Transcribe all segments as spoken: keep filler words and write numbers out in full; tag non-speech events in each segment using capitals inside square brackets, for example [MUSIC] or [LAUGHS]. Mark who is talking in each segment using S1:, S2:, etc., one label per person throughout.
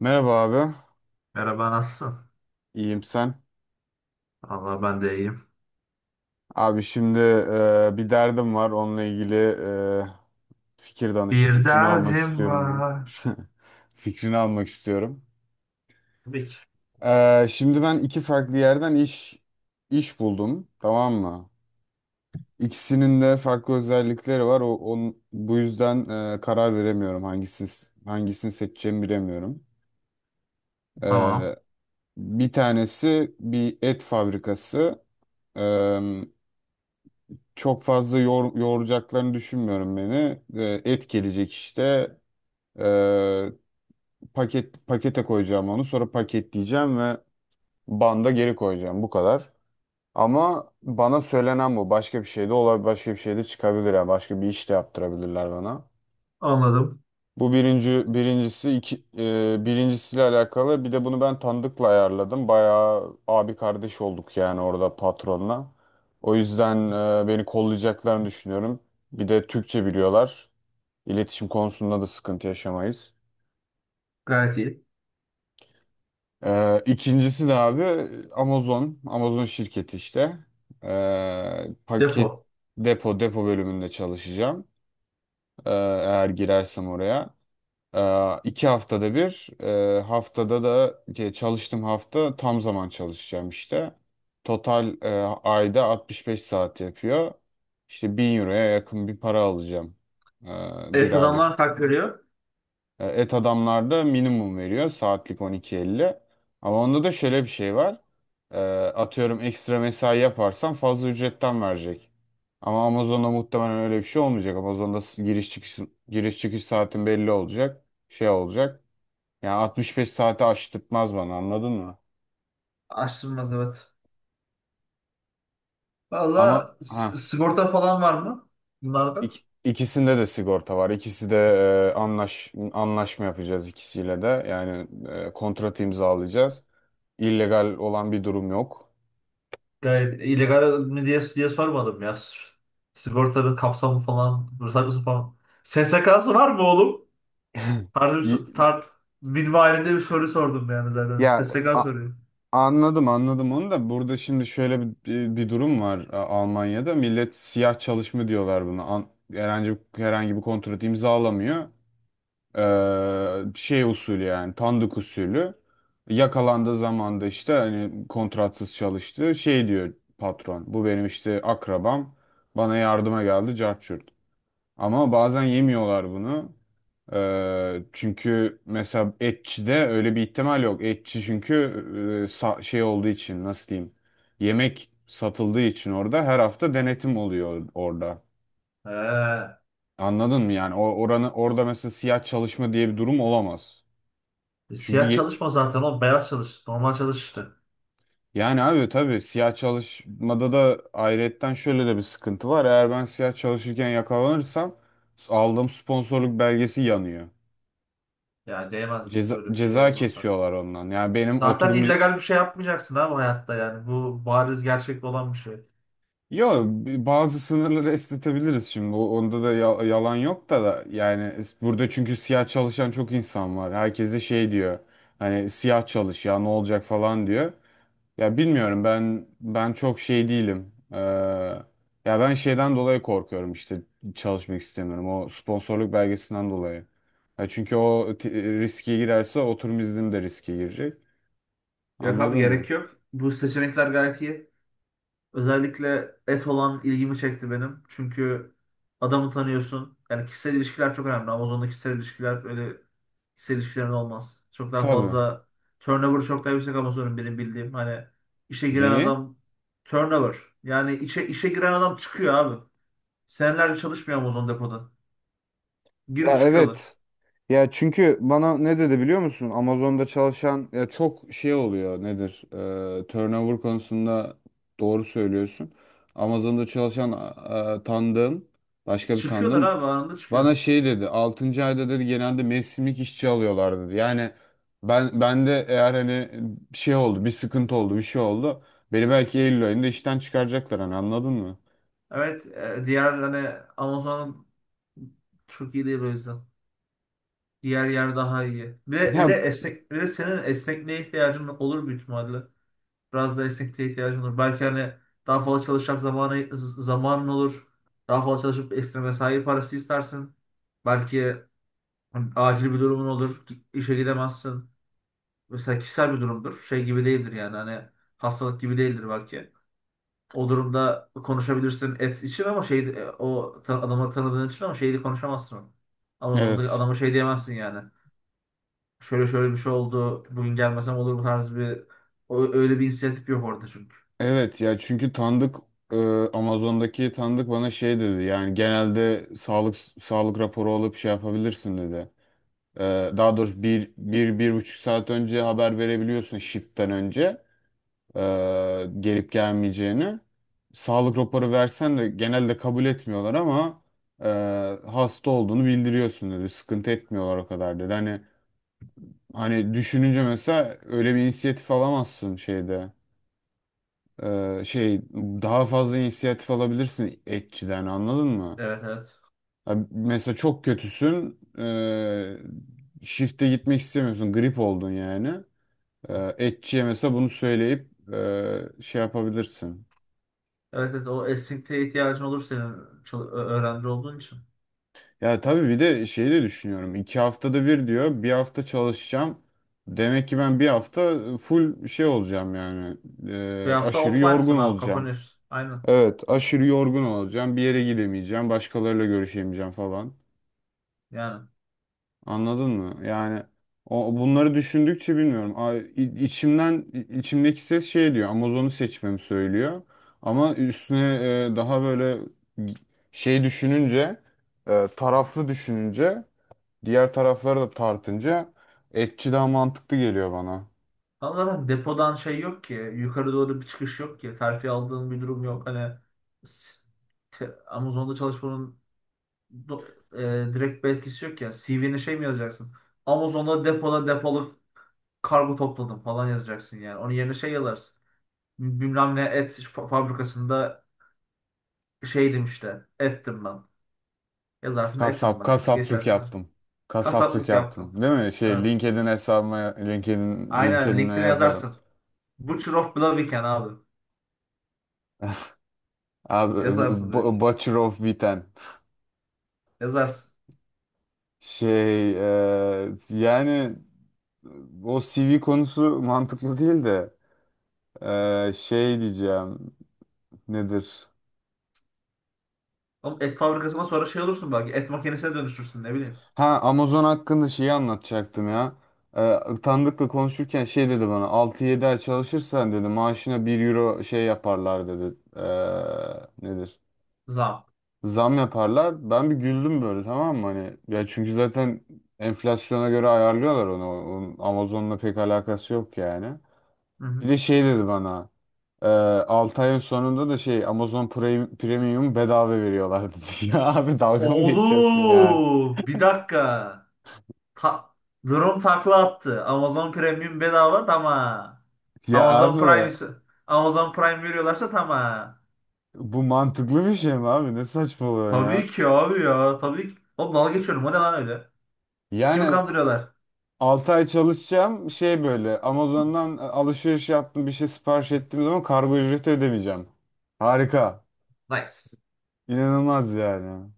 S1: Merhaba abi.
S2: Merhaba, nasılsın?
S1: İyiyim, sen?
S2: Allah ben de iyiyim.
S1: Abi, şimdi e, bir derdim var. Onunla ilgili e, fikir danış,
S2: Bir
S1: fikrini almak
S2: derdim
S1: istiyorum
S2: var.
S1: ben. [LAUGHS] Fikrini almak istiyorum.
S2: Tabii ki.
S1: E, şimdi ben iki farklı yerden iş iş buldum, tamam mı? İkisinin de farklı özellikleri var. O, on- bu yüzden e, karar veremiyorum, hangisini hangisini seçeceğimi bilemiyorum.
S2: Tamam.
S1: E, Bir tanesi bir et fabrikası. çok fazla yor, yoğuracaklarını düşünmüyorum beni. Ee, et gelecek işte. Ee, paket Pakete koyacağım onu. Sonra paketleyeceğim ve banda geri koyacağım. Bu kadar. Ama bana söylenen bu. Başka bir şey de olabilir. Başka bir şey de çıkabilir. Yani başka bir iş de yaptırabilirler bana.
S2: Anladım.
S1: Bu birinci birincisi, iki e, birincisiyle alakalı. Bir de bunu ben Tandık'la ayarladım. Bayağı abi kardeş olduk yani, orada patronla. O yüzden e, beni kollayacaklarını düşünüyorum. Bir de Türkçe biliyorlar. İletişim konusunda da sıkıntı yaşamayız.
S2: Gayet iyi.
S1: E, ikincisi de abi Amazon. Amazon şirketi işte. E, paket
S2: Depo.
S1: depo depo bölümünde çalışacağım. E, eğer girersem oraya. Ee, iki haftada bir, e, haftada da, e, çalıştığım hafta tam zaman çalışacağım işte. Total, e, ayda 65 saat yapıyor. İşte bin euroya yakın bir para alacağım, e, bir
S2: Evet,
S1: aylık.
S2: adamlar kalk veriyor.
S1: E, Et Adamlar da minimum veriyor, saatlik on iki elli. Ama onda da şöyle bir şey var. E, Atıyorum, ekstra mesai yaparsan fazla ücretten verecek. Ama Amazon'da muhtemelen öyle bir şey olmayacak. Amazon'da s- giriş çıkış giriş çıkış saatin belli olacak. Şey olacak. Yani altmış beş saati aştırtmaz bana, anladın mı?
S2: Açtırmaz, evet.
S1: Ama
S2: Valla,
S1: ha
S2: s- sigorta falan var mı? Bunlarda.
S1: ik- ikisinde de sigorta var. İkisi de, e, anlaş anlaşma yapacağız ikisiyle de. Yani e, kontrat imzalayacağız. İllegal olan bir durum yok.
S2: Gayet illegal mi diye, diye sormadım ya. S- Sigortanın kapsamı falan. Ruhsatlısı falan. S S K'sı var mı oğlum? Tarzı bir, so-
S1: Y-
S2: tar minvalinde bir soru sordum yani zaten.
S1: Ya,
S2: S S K
S1: a-
S2: soruyor.
S1: anladım, anladım, onu da. Burada şimdi şöyle bir, bir, bir durum var A- Almanya'da. Millet siyah çalışma diyorlar buna. An- herhangi herhangi bir kontrat imzalamıyor. Ee, şey usulü, yani tandık usulü, yakalandığı zaman da işte hani kontratsız çalıştı, şey diyor patron, bu benim işte akrabam, bana yardıma geldi, cart curt. Ama bazen yemiyorlar bunu. Ee, çünkü mesela etçide öyle bir ihtimal yok, etçi çünkü e, sa- şey olduğu için, nasıl diyeyim, yemek satıldığı için orada her hafta denetim oluyor orada,
S2: He.
S1: anladın mı? Yani o oranı orada, mesela, siyah çalışma diye bir durum olamaz. Çünkü
S2: Siyah
S1: ye-
S2: çalışma zaten, o beyaz çalış. Normal çalış işte.
S1: yani abi, tabii, siyah çalışmada da ayrıyetten şöyle de bir sıkıntı var. Eğer ben siyah çalışırken yakalanırsam, aldığım sponsorluk belgesi yanıyor.
S2: Yani değmez
S1: Ceza,
S2: öyle bir şey
S1: ceza
S2: olmasa.
S1: kesiyorlar ondan. Yani benim
S2: Zaten Zaten
S1: oturum...
S2: illegal bir şey yapmayacaksın abi hayatta yani. Bu bariz gerçek olan bir şey.
S1: Yo, bazı sınırları esnetebiliriz şimdi. O- Onda da ya- yalan yok da, da yani, es- burada çünkü siyah çalışan çok insan var. Herkes de şey diyor. Hani siyah çalış ya, ne olacak falan diyor. Ya bilmiyorum, ben ben çok şey değilim. Ee, ya ben şeyden dolayı korkuyorum işte, çalışmak istemiyorum. O sponsorluk belgesinden dolayı. Ya çünkü o t- riske girerse, oturum iznim de riske girecek.
S2: Yok abi,
S1: Anladın mı?
S2: gerek yok. Bu seçenekler gayet iyi. Özellikle et olan ilgimi çekti benim. Çünkü adamı tanıyorsun. Yani kişisel ilişkiler çok önemli. Amazon'da kişisel ilişkiler öyle kişisel ilişkilerin olmaz. Çok daha
S1: Tabii.
S2: fazla turnover, çok daha yüksek Amazon'un benim bildiğim. Hani işe giren
S1: Neyi?
S2: adam turnover. Yani işe, işe giren adam çıkıyor abi. Senelerce çalışmıyor Amazon depoda. Girip
S1: Ya,
S2: çıkıyorlar.
S1: evet. Ya çünkü bana ne dedi, biliyor musun? Amazon'da çalışan ya, çok şey oluyor, nedir? Ee, turnover konusunda doğru söylüyorsun. Amazon'da çalışan, e, tanıdığım başka bir
S2: Çıkıyorlar
S1: tanıdığım
S2: abi, anında
S1: bana
S2: çıkıyorlar.
S1: şey dedi. Altıncı ayda, dedi, genelde mevsimlik işçi alıyorlar, dedi. Yani ben ben de eğer hani bir şey oldu, bir sıkıntı oldu, bir şey oldu... Beni belki Eylül ayında işten çıkaracaklar, hani, anladın mı?
S2: Evet, e, diğer hani Amazon çok iyi değil o yüzden. Diğer yer daha iyi. Bir de, bir de
S1: Ya,
S2: esnek, bir de senin esnekliğe ihtiyacın olur büyük ihtimalle. Biraz da esnekliğe ihtiyacın olur. Belki hani daha fazla çalışacak zamanı, z- zamanın olur. Daha fazla çalışıp ekstra mesai parası istersin. Belki hani acil bir durumun olur. İşe gidemezsin. Mesela kişisel bir durumdur. Şey gibi değildir yani hani hastalık gibi değildir belki. O durumda konuşabilirsin et için ama şey e, o ta- adamı tanıdığın için, ama şeyi konuşamazsın onu. Amazon'da
S1: evet.
S2: adama şey diyemezsin yani. Şöyle şöyle bir şey oldu. Bugün gelmesem olur mu tarzı bir o- öyle bir inisiyatif yok orada çünkü.
S1: Evet ya, çünkü tanıdık e, Amazon'daki tanıdık bana şey dedi yani, genelde sağlık sağlık raporu alıp şey yapabilirsin, dedi. E, Daha doğrusu bir, bir, bir buçuk saat önce haber verebiliyorsun shift'ten önce e, gelip gelmeyeceğini. Sağlık raporu versen de genelde kabul etmiyorlar ama e, hasta olduğunu bildiriyorsun, dedi. Sıkıntı etmiyorlar o kadar, dedi. Hani hani düşününce mesela öyle bir inisiyatif alamazsın şeyde. Ee, şey, daha fazla inisiyatif alabilirsin etçiden, anladın mı?
S2: Evet, evet.
S1: Ha, Mesela çok kötüsün, ee, shift'e gitmek istemiyorsun, grip oldun yani. Ee, etçiye mesela bunu söyleyip ee, şey yapabilirsin.
S2: Evet evet, o esnekliğe ihtiyacın olur senin, çal- ö- öğrenci olduğun için.
S1: Ya tabii, bir de şeyi de düşünüyorum. İki haftada bir diyor, bir hafta çalışacağım. Demek ki ben bir hafta full şey olacağım yani.
S2: Bir
S1: Ee,
S2: hafta
S1: aşırı yorgun
S2: offline'sın abi,
S1: olacağım.
S2: kapanıyorsun. Aynen
S1: Evet, aşırı yorgun olacağım, bir yere gidemeyeceğim, başkalarıyla görüşemeyeceğim falan.
S2: yani.
S1: Anladın mı? Yani o bunları düşündükçe bilmiyorum. A- i- içimden i- içimdeki ses şey diyor, Amazon'u seçmemi söylüyor. Ama üstüne e, daha böyle şey düşününce, e, taraflı düşününce, diğer tarafları da tartınca, etçi daha mantıklı geliyor bana.
S2: Ama zaten depodan şey yok ki. Yukarı doğru bir çıkış yok ki. Terfi aldığın bir durum yok. Hani s- te- Amazon'da çalışmanın do- e, direkt bir etkisi yok ya. C V'ne şey mi yazacaksın? Amazon'da depoda depoluk kargo topladım falan yazacaksın yani. Onun yerine şey yazarsın. Bilmem ne et fa- fabrikasında şeydim işte. Ettim ben. Yazarsın, etim
S1: Kasap,
S2: ben.
S1: kasaplık
S2: Geçersin.
S1: yaptım. Kasaplık
S2: Kasaplık yaptım.
S1: yaptım, değil mi? Şey,
S2: Evet.
S1: LinkedIn hesabıma LinkedIn
S2: Aynen
S1: LinkedIn'e
S2: LinkedIn'e
S1: yazarım.
S2: yazarsın. Butcher of Blaviken abi.
S1: Abi,
S2: Yazarsın
S1: b-
S2: direkt.
S1: butcher of Witten.
S2: Yazarsın.
S1: Şey eee, yani o C V konusu mantıklı değil de, eee, şey diyeceğim, nedir?
S2: Oğlum et fabrikasına, sonra şey olursun belki. Et makinesine dönüşürsün, ne bileyim.
S1: Ha, Amazon hakkında şeyi anlatacaktım ya. Eee Tanıdıkla konuşurken şey dedi bana: altı yedi ay çalışırsan, dedi, maaşına bir euro şey yaparlar, dedi. Eee, nedir?
S2: Zam.
S1: Zam yaparlar. Ben bir güldüm böyle, tamam mı? Hani ya, çünkü zaten enflasyona göre ayarlıyorlar onu. Onun Amazon'la pek alakası yok yani.
S2: Hı hı.
S1: Bir de şey dedi bana. Ee, altı ayın sonunda da şey, Amazon Prime, Premium bedava veriyorlardı. [LAUGHS] Ya abi, dalga mı geçiyorsun ya?
S2: Oğlum bir dakika. Ta- Durum takla attı. Amazon Premium bedava, tamam.
S1: Ya
S2: Amazon
S1: abi,
S2: Prime, Amazon Prime veriyorlarsa tamam.
S1: bu mantıklı bir şey mi abi? Ne saçmalıyorsun
S2: Tabii
S1: ya?
S2: ki abi ya. Tabii ki. Oğlum, dalga geçiyorum. O ne lan öyle? Kimi
S1: Yani
S2: kandırıyorlar?
S1: altı ay çalışacağım, şey, böyle Amazon'dan alışveriş yaptım, bir şey sipariş ettiğim zaman kargo ücreti ödemeyeceğim. Harika.
S2: Nice.
S1: İnanılmaz yani.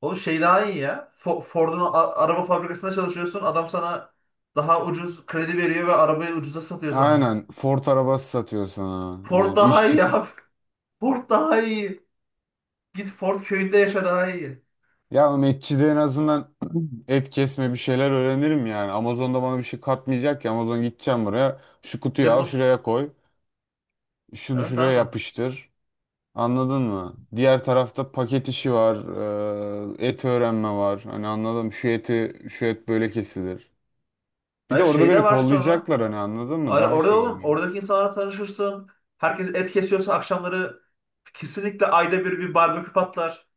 S2: Oğlum şey daha iyi ya. Fo- Ford'un a- araba fabrikasında çalışıyorsun. Adam sana daha ucuz kredi veriyor ve arabayı ucuza satıyor sana.
S1: Aynen, Ford arabası satıyor sana.
S2: Ford
S1: Yani
S2: daha
S1: işçi.
S2: iyi abi. [LAUGHS] Ford daha iyi. Git Ford köyünde yaşa, daha iyi.
S1: Ya oğlum, işçi de en azından et kesme, bir şeyler öğrenirim yani. Amazon'da bana bir şey katmayacak ki. Amazon, gideceğim buraya, şu kutuyu al
S2: Depos.
S1: şuraya koy, şunu
S2: Evet
S1: şuraya
S2: abi.
S1: yapıştır. Anladın mı? Diğer tarafta paket işi var. Eee, et öğrenme var. Hani anladım, şu eti şu et böyle kesilir. Bir de
S2: Hayır,
S1: orada
S2: şey de
S1: beni
S2: var sonra.
S1: kollayacaklar, hani, anladın mı?
S2: Ara-
S1: Daha
S2: Orada
S1: şey
S2: oğlum,
S1: oluyor.
S2: oradaki insanlarla tanışırsın. Herkes et kesiyorsa akşamları kesinlikle ayda bir bir barbekü patlar.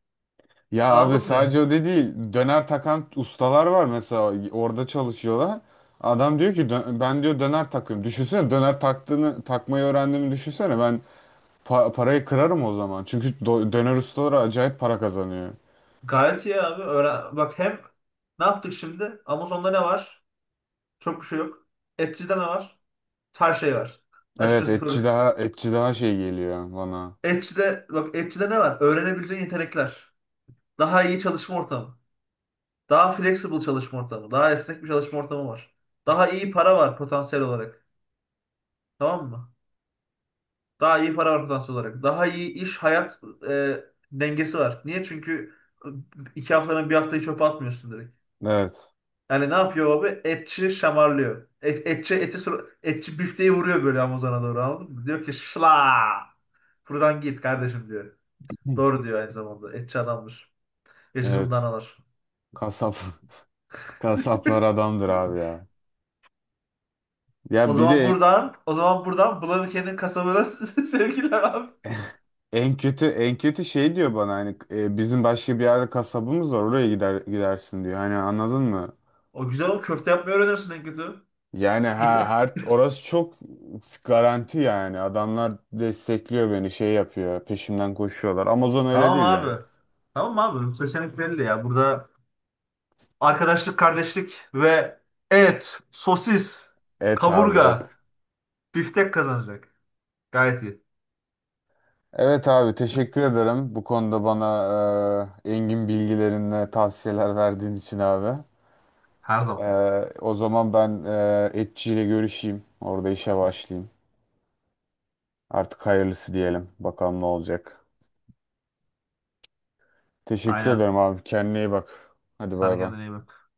S1: Ya abi,
S2: Anladın
S1: sadece
S2: mı?
S1: o da değil. Döner takan ustalar var mesela, orada çalışıyorlar. Adam diyor ki: "Dö- ben, diyor, döner takıyorum. Düşünsene döner taktığını takmayı öğrendiğimi, düşünsene. Ben Pa- parayı kırarım o zaman. Çünkü do- döner ustaları acayip para kazanıyor."
S2: Gayet iyi abi. Öğren. Bak hem ne yaptık şimdi? Amazon'da ne var? Çok bir şey yok. Etçi'de ne var? Her şey var.
S1: Evet,
S2: Açıkçası
S1: etçi
S2: soru.
S1: daha etçi daha şey geliyor bana.
S2: Etçi'de, bak, Etçi'de ne var? Öğrenebileceğin yetenekler. Daha iyi çalışma ortamı. Daha flexible çalışma ortamı. Daha esnek bir çalışma ortamı var. Daha iyi para var potansiyel olarak. Tamam mı? Daha iyi para ortalaması olarak. Daha iyi iş hayat e, dengesi var. Niye? Çünkü iki haftanın bir haftayı çöpe atmıyorsun direkt.
S1: Evet.
S2: Yani ne yapıyor abi? Etçi şamarlıyor. Et, etçi eti sur- etçi bifteyi vuruyor böyle Amazon'a doğru, anladın mı? Diyor ki şla. Buradan git kardeşim diyor.
S1: Hı.
S2: Doğru diyor aynı zamanda. Etçi adammış. Yaşasın
S1: Evet.
S2: danalar.
S1: Kasap, [LAUGHS] kasaplar
S2: [LAUGHS]
S1: adamdır abi ya.
S2: O
S1: Ya bir
S2: zaman
S1: de
S2: buradan, o zaman buradan Bulanık'ın kasabına [LAUGHS] sevgiler abi.
S1: en kötü en kötü şey diyor bana, hani, e, bizim başka bir yerde kasabımız var, oraya gider gidersin diyor. Hani, anladın mı?
S2: O güzel, o köfte yapmayı öğrenirsin en kötü.
S1: Yani, ha
S2: [LAUGHS]
S1: her, orası çok garanti yani. Adamlar destekliyor beni, şey yapıyor, peşimden koşuyorlar. Amazon öyle
S2: Tamam
S1: değil yani.
S2: abi. Tamam abi. Bu seçenek belli ya. Burada arkadaşlık, kardeşlik ve et, sosis,
S1: Et abi, et.
S2: kaburga, biftek kazanacak. Gayet iyi.
S1: Evet abi, teşekkür ederim. Bu konuda bana e, engin bilgilerinle tavsiyeler verdiğin için abi.
S2: Her
S1: E,
S2: zaman.
S1: O zaman ben e, etçiyle görüşeyim. Orada işe başlayayım. Artık hayırlısı diyelim. Bakalım ne olacak. Teşekkür
S2: Aynen.
S1: ederim abi. Kendine iyi bak. Hadi,
S2: Sen de
S1: bay bay.
S2: kendine iyi bak.